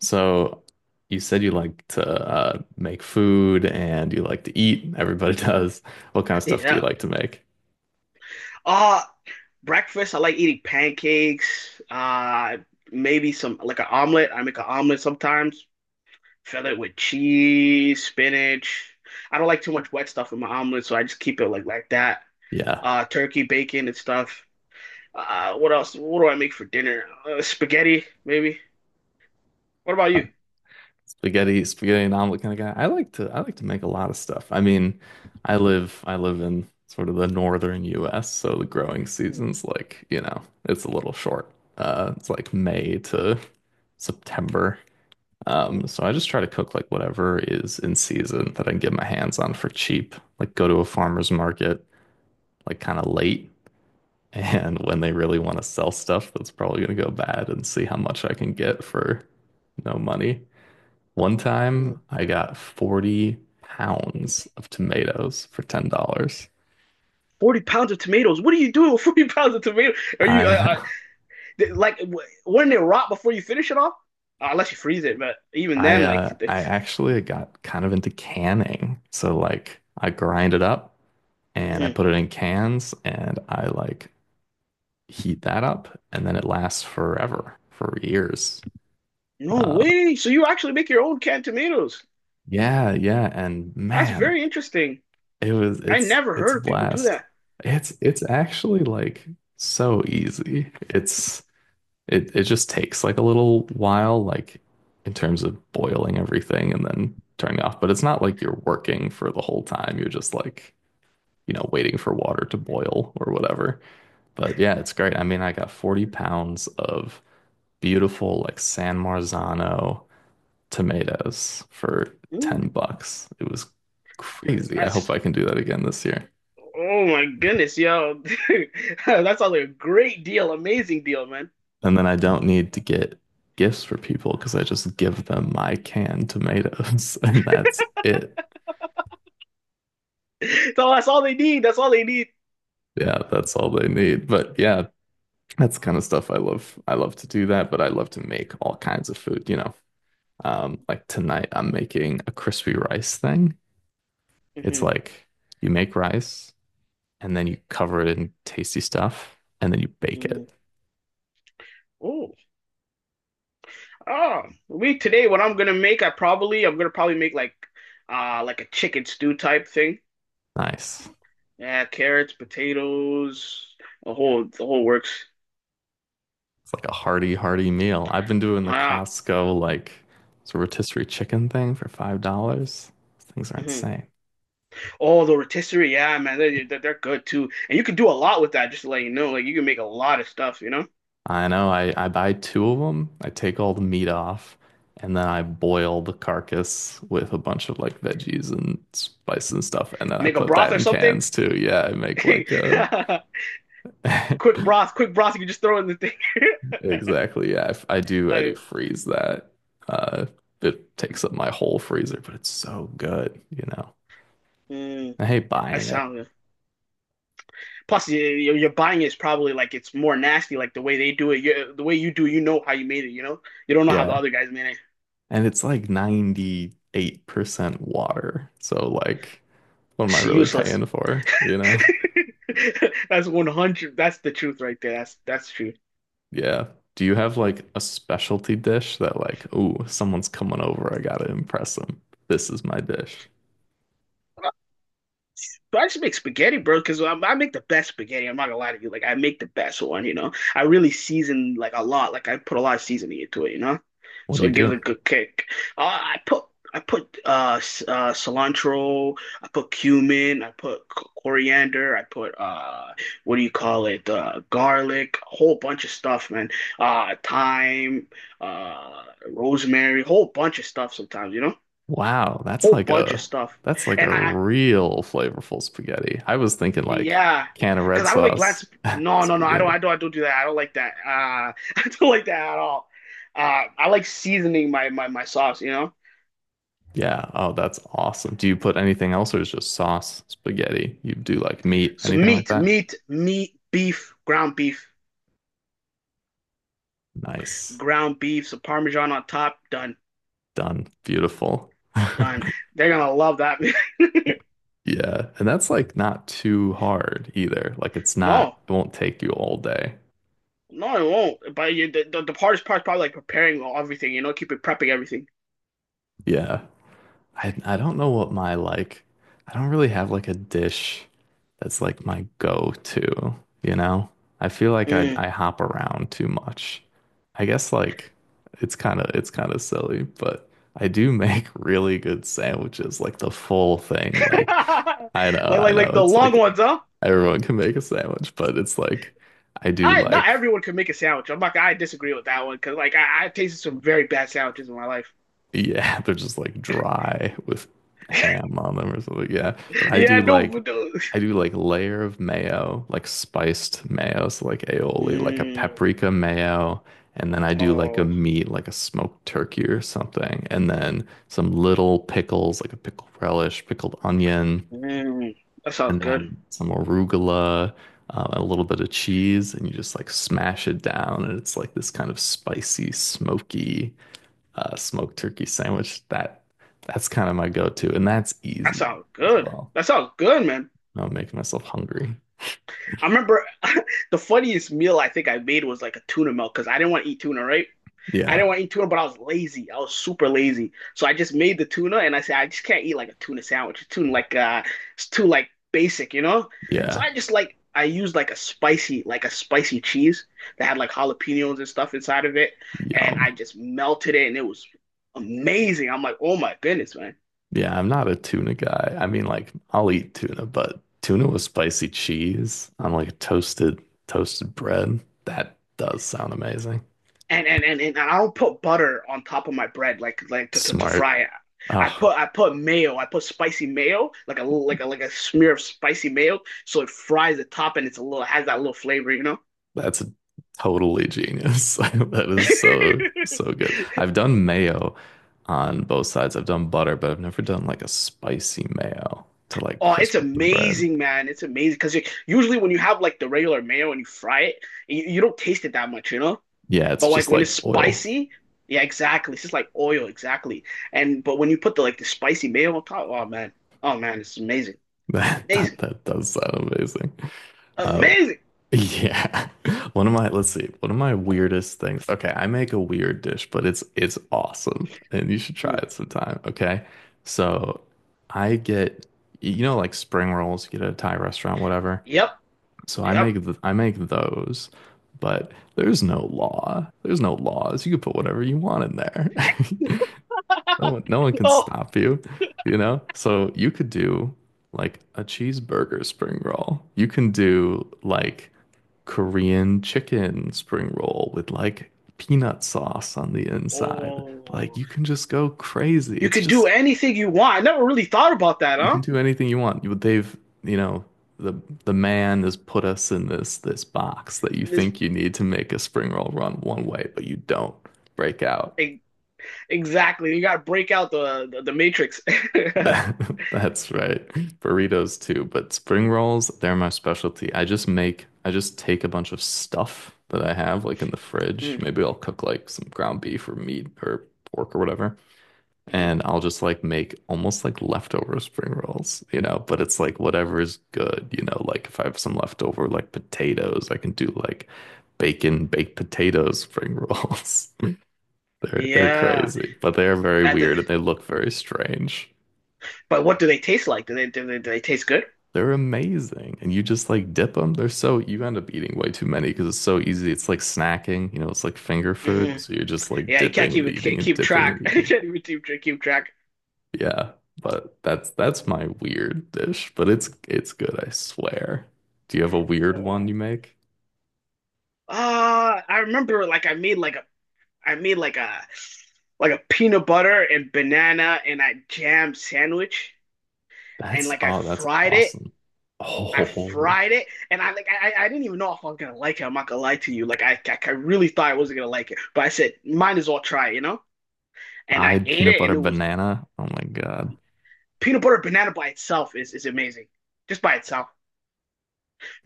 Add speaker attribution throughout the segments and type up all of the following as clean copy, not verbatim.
Speaker 1: So you said you like to make food and you like to eat. Everybody does. What kind of stuff do you
Speaker 2: Yeah.
Speaker 1: like to make?
Speaker 2: Uh Breakfast, I like eating pancakes, maybe some like an omelet. I make an omelet sometimes, fill it with cheese, spinach. I don't like too much wet stuff in my omelet, so I just keep it like that.
Speaker 1: Yeah.
Speaker 2: Turkey, bacon and stuff. What else? What do I make for dinner? Spaghetti, maybe. What about
Speaker 1: Uh,
Speaker 2: you?
Speaker 1: Spaghetti, spaghetti and omelet kind of guy. I like to make a lot of stuff. I mean, I live in sort of the northern US, so the growing
Speaker 2: Mm,
Speaker 1: season's like, you know, it's a little short. It's like May to September.
Speaker 2: mhm.
Speaker 1: So I just try to cook like whatever is in season that I can get my hands on for cheap. Like go to a farmer's market like kind of late. And when they really want to sell stuff, that's probably going to go bad, and see how much I can get for no money. One time I got 40 pounds of tomatoes for $10.
Speaker 2: 40 pounds of tomatoes. What are you doing with 40 pounds of tomatoes? Are you
Speaker 1: I
Speaker 2: like, wouldn't it rot before you finish it off? Unless you freeze it, but even then, like,
Speaker 1: I
Speaker 2: it's,
Speaker 1: actually got kind of into canning. So like I grind it up and I
Speaker 2: mhm.
Speaker 1: put it in cans, and I like heat that up and then it lasts forever for years.
Speaker 2: no
Speaker 1: Uh
Speaker 2: way. So you actually make your own canned tomatoes.
Speaker 1: yeah, yeah, and
Speaker 2: That's
Speaker 1: man,
Speaker 2: very interesting.
Speaker 1: It was
Speaker 2: I
Speaker 1: it's
Speaker 2: never
Speaker 1: it's
Speaker 2: heard
Speaker 1: a
Speaker 2: of people do
Speaker 1: blast.
Speaker 2: that.
Speaker 1: It's actually so easy. It just takes like a little while, like in terms of boiling everything and then turning off. But it's not like you're working for the whole time. You're just like, you know, waiting for water to boil or whatever. But yeah, it's great. I mean, I got 40 pounds of beautiful like San Marzano tomatoes for 10
Speaker 2: Mm,
Speaker 1: bucks. It was crazy. I hope
Speaker 2: that's,
Speaker 1: I can do that again this year.
Speaker 2: oh my goodness, yo. That sounds like a great deal, amazing deal, man.
Speaker 1: And then I don't need to get gifts for people because I just give them my canned tomatoes and that's it.
Speaker 2: So that's all they need. That's all they need.
Speaker 1: Yeah, that's all they need. But yeah, that's kind of stuff I love. I love to do that, but I love to make all kinds of food, you know. Like tonight I'm making a crispy rice thing. It's
Speaker 2: Hmm.
Speaker 1: like you make rice and then you cover it in tasty stuff and then you bake
Speaker 2: Hmm.
Speaker 1: it.
Speaker 2: Oh. Oh, we today, what I'm gonna make, I'm gonna probably make like a chicken stew type thing.
Speaker 1: Nice.
Speaker 2: Yeah, carrots, potatoes, the whole works.
Speaker 1: It's like a hearty, hearty meal. I've been doing the
Speaker 2: Ah,
Speaker 1: Costco like it's a rotisserie chicken thing for $5. Things are
Speaker 2: mhm.
Speaker 1: insane.
Speaker 2: Oh, the rotisserie, yeah, man,
Speaker 1: Yeah.
Speaker 2: they're good too. And you can do a lot with that, just to let you know. Like you can make a lot of stuff, you know?
Speaker 1: I know. I buy two of them. I take all the meat off, and then I boil the carcass with a bunch of like veggies and spice and stuff, and then I
Speaker 2: Make a
Speaker 1: put
Speaker 2: broth
Speaker 1: that
Speaker 2: or
Speaker 1: in
Speaker 2: something.
Speaker 1: cans too. Yeah, I make like
Speaker 2: Quick broth, you can just throw in the thing.
Speaker 1: exactly. Yeah, I do. I do
Speaker 2: I
Speaker 1: freeze that. Uh, it takes up my whole freezer, but it's so good, you know.
Speaker 2: mm,
Speaker 1: I hate
Speaker 2: I
Speaker 1: buying it.
Speaker 2: sound Plus, buying it's probably like it's more nasty, like the way they do it. You the way you do, you know how you made it. You know, you don't know how the
Speaker 1: Yeah.
Speaker 2: other guys made it.
Speaker 1: And it's like 98% water. So like what am I
Speaker 2: It's
Speaker 1: really
Speaker 2: useless.
Speaker 1: paying for, you know?
Speaker 2: That's 100%. That's the truth right there. That's true.
Speaker 1: Yeah. Do you have like a specialty dish that like, ooh, someone's coming over, I gotta impress them. This is my dish.
Speaker 2: No, but I just make spaghetti, bro, because I make the best spaghetti. I'm not gonna lie to you. Like I make the best one, you know. I really season like a lot. Like I put a lot of seasoning into it, you know.
Speaker 1: What
Speaker 2: So
Speaker 1: do you
Speaker 2: it gives it
Speaker 1: do?
Speaker 2: a good kick. Uh, I put I put cilantro. I put cumin. I put coriander. I put what do you call it? Garlic. A whole bunch of stuff, man. Thyme. Uh, Rosemary. Whole bunch of stuff. Sometimes, you know.
Speaker 1: Wow,
Speaker 2: Whole bunch of stuff.
Speaker 1: that's like
Speaker 2: And
Speaker 1: a
Speaker 2: I,
Speaker 1: real flavorful spaghetti. I was thinking like
Speaker 2: Yeah,
Speaker 1: can of red
Speaker 2: because I don't like black.
Speaker 1: sauce
Speaker 2: Sp No, no, no. I don't.
Speaker 1: spaghetti.
Speaker 2: I don't. I don't do that. I don't like that. I don't like that at all. I like seasoning my sauce. You know.
Speaker 1: Yeah, oh, that's awesome. Do you put anything else or is just sauce spaghetti? You do like meat,
Speaker 2: So
Speaker 1: anything like
Speaker 2: meat,
Speaker 1: that?
Speaker 2: meat, meat, beef, ground beef,
Speaker 1: Nice.
Speaker 2: ground beef, some Parmesan on top. Done,
Speaker 1: Done. Beautiful.
Speaker 2: done. They're gonna love that.
Speaker 1: Yeah. And that's like not too hard either. Like it's not,
Speaker 2: No,
Speaker 1: it won't take you all day.
Speaker 2: no, it won't. But you, the hardest part's probably like preparing everything. You know, keep it prepping everything.
Speaker 1: Yeah. I don't know what my like I don't really have like a dish that's like my go-to, you know? I feel like I
Speaker 2: Mm.
Speaker 1: I hop around too much. I guess like it's kind of silly, but I do make really good sandwiches, like the full thing. Like
Speaker 2: Like
Speaker 1: I
Speaker 2: like
Speaker 1: know
Speaker 2: like the
Speaker 1: it's
Speaker 2: long
Speaker 1: like
Speaker 2: ones, huh?
Speaker 1: everyone can make a sandwich, but it's like I do
Speaker 2: I not
Speaker 1: like
Speaker 2: everyone can make a sandwich. I'm like I disagree with that one because like I tasted some very bad sandwiches in my life.
Speaker 1: yeah, they're just like dry with ham on them or something. Yeah, but I
Speaker 2: Yeah,
Speaker 1: do
Speaker 2: no,
Speaker 1: like
Speaker 2: no.
Speaker 1: I do like layer of mayo, like spiced mayo, so like aioli, like a
Speaker 2: Mm,
Speaker 1: paprika mayo, and then I do like a
Speaker 2: oh,
Speaker 1: meat, like a smoked turkey or something, and then some little pickles, like a pickle relish, pickled onion,
Speaker 2: mm, that sounds
Speaker 1: and
Speaker 2: good.
Speaker 1: then some arugula, a little bit of cheese, and you just like smash it down, and it's like this kind of spicy, smoky smoked turkey sandwich. That's kind of my go-to, and that's
Speaker 2: That
Speaker 1: easy
Speaker 2: sounds
Speaker 1: as
Speaker 2: good.
Speaker 1: well.
Speaker 2: That sounds good, man.
Speaker 1: No, I'm making myself hungry.
Speaker 2: I remember the funniest meal I think I made was like a tuna melt because I didn't want to eat tuna, right? I
Speaker 1: Yeah,
Speaker 2: didn't want to eat tuna, but I was lazy. I was super lazy. So I just made the tuna and I said, I just can't eat like a tuna sandwich. It's too like basic, you know? So
Speaker 1: yeah,
Speaker 2: I just like I used like a spicy cheese that had like jalapenos and stuff inside of it. And
Speaker 1: yum.
Speaker 2: I just melted it and it was amazing. I'm like, oh my goodness, man.
Speaker 1: Yeah, I'm not a tuna guy. I mean, like I'll eat tuna, but tuna with spicy cheese on like toasted bread. That does sound amazing.
Speaker 2: And I don't put butter on top of my bread like to
Speaker 1: Smart.
Speaker 2: fry it.
Speaker 1: Oh,
Speaker 2: I put mayo. I put spicy mayo, like a little like a smear of spicy mayo, so it fries the top and it's a little has that little flavor, you know.
Speaker 1: that's totally genius. That is so, so good. I've done mayo on both sides. I've done butter, but I've never done like a spicy mayo to like
Speaker 2: Oh, it's
Speaker 1: crisp up the bread.
Speaker 2: amazing, man. It's amazing because usually when you have like the regular mayo and you fry it, you don't taste it that much, you know?
Speaker 1: Yeah, it's
Speaker 2: But like
Speaker 1: just
Speaker 2: when it's
Speaker 1: like oil.
Speaker 2: spicy, yeah, exactly. It's just like oil, exactly. And but when you put the like the spicy mayo on top, oh man, it's amazing, amazing.
Speaker 1: That does sound amazing. Oh,
Speaker 2: Amazing.
Speaker 1: yeah. One of my, let's see, one of my weirdest things. Okay, I make a weird dish, but it's awesome and you should try
Speaker 2: Hmm.
Speaker 1: it sometime, okay? So, I get you know like spring rolls you get at a Thai restaurant, whatever.
Speaker 2: Yep.
Speaker 1: So I
Speaker 2: Yep.
Speaker 1: make th I make those, but there's no law. There's no laws. You can put whatever you want in there. No one can
Speaker 2: Oh.
Speaker 1: stop you, you know? So you could do like a cheeseburger spring roll. You can do like Korean chicken spring roll with like peanut sauce on the inside. Like
Speaker 2: Oh.
Speaker 1: you can just go crazy.
Speaker 2: You
Speaker 1: It's
Speaker 2: could do
Speaker 1: just
Speaker 2: anything you want. I never really thought about that,
Speaker 1: you can
Speaker 2: huh?
Speaker 1: do anything you want. But they've, you know, the man has put us in this box that you
Speaker 2: This
Speaker 1: think you need to make a spring roll run one way, but you don't break out.
Speaker 2: e, exactly. You got to break out the matrix. Mm,
Speaker 1: That, that's right. Burritos too, but spring rolls, they're my specialty. I just take a bunch of stuff that I have like in the fridge. Maybe I'll cook like some ground beef or meat or pork or whatever.
Speaker 2: mm.
Speaker 1: And I'll just like make almost like leftover spring rolls, you know, but it's like whatever is good, you know, like if I have some leftover like potatoes, I can do like bacon baked potato spring rolls. They're
Speaker 2: Yeah.
Speaker 1: crazy, but they're very
Speaker 2: That. The,
Speaker 1: weird and they look very strange.
Speaker 2: but what do they taste like? Do they taste good?
Speaker 1: They're amazing. And you just like dip them. They're so you end up eating way too many because it's so easy. It's like snacking, you know, it's like finger food.
Speaker 2: Mm-hmm.
Speaker 1: So you're just like
Speaker 2: Yeah, you can't
Speaker 1: dipping and eating and
Speaker 2: keep
Speaker 1: dipping
Speaker 2: track.
Speaker 1: and
Speaker 2: You
Speaker 1: eating.
Speaker 2: can't even keep track.
Speaker 1: Yeah, but that's my weird dish, but it's good, I swear. Do you have a weird one
Speaker 2: Oh.
Speaker 1: you make?
Speaker 2: I remember like I made like a peanut butter and banana and a jam sandwich. And
Speaker 1: That's
Speaker 2: like I
Speaker 1: oh, that's
Speaker 2: fried it.
Speaker 1: awesome.
Speaker 2: I
Speaker 1: Oh,
Speaker 2: fried it, and I like I didn't even know if I was gonna like it. I'm not gonna lie to you. Like I really thought I wasn't gonna like it, but I said might as well try, you know. And I
Speaker 1: fried
Speaker 2: ate
Speaker 1: peanut
Speaker 2: it, and
Speaker 1: butter
Speaker 2: it was
Speaker 1: banana. Oh my God.
Speaker 2: peanut butter banana by itself is amazing, just by itself.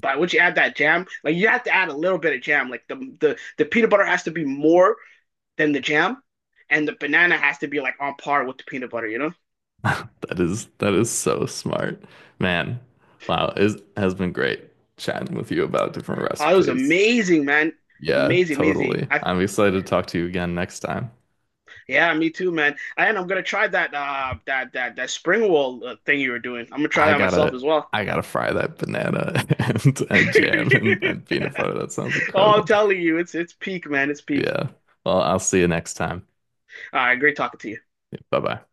Speaker 2: But once you add that jam, like you have to add a little bit of jam. Like the peanut butter has to be more than the jam, and the banana has to be like on par with the peanut butter, you know.
Speaker 1: That is so smart. Man, wow, it has been great chatting with you about different
Speaker 2: Oh, it was
Speaker 1: recipes.
Speaker 2: amazing, man.
Speaker 1: Yeah,
Speaker 2: Amazing, amazing.
Speaker 1: totally.
Speaker 2: I
Speaker 1: I'm excited to talk to you again next time.
Speaker 2: yeah, me too, man. And I'm gonna try that that spring roll thing you were doing. I'm gonna try
Speaker 1: I
Speaker 2: that myself
Speaker 1: gotta
Speaker 2: as well.
Speaker 1: I gotta fry that banana and jam and peanut butter. That sounds
Speaker 2: Oh, I'm
Speaker 1: incredible.
Speaker 2: telling you, it's peak, man. It's peak.
Speaker 1: Yeah. Well, I'll see you next time.
Speaker 2: All right, great talking to you.
Speaker 1: Bye bye.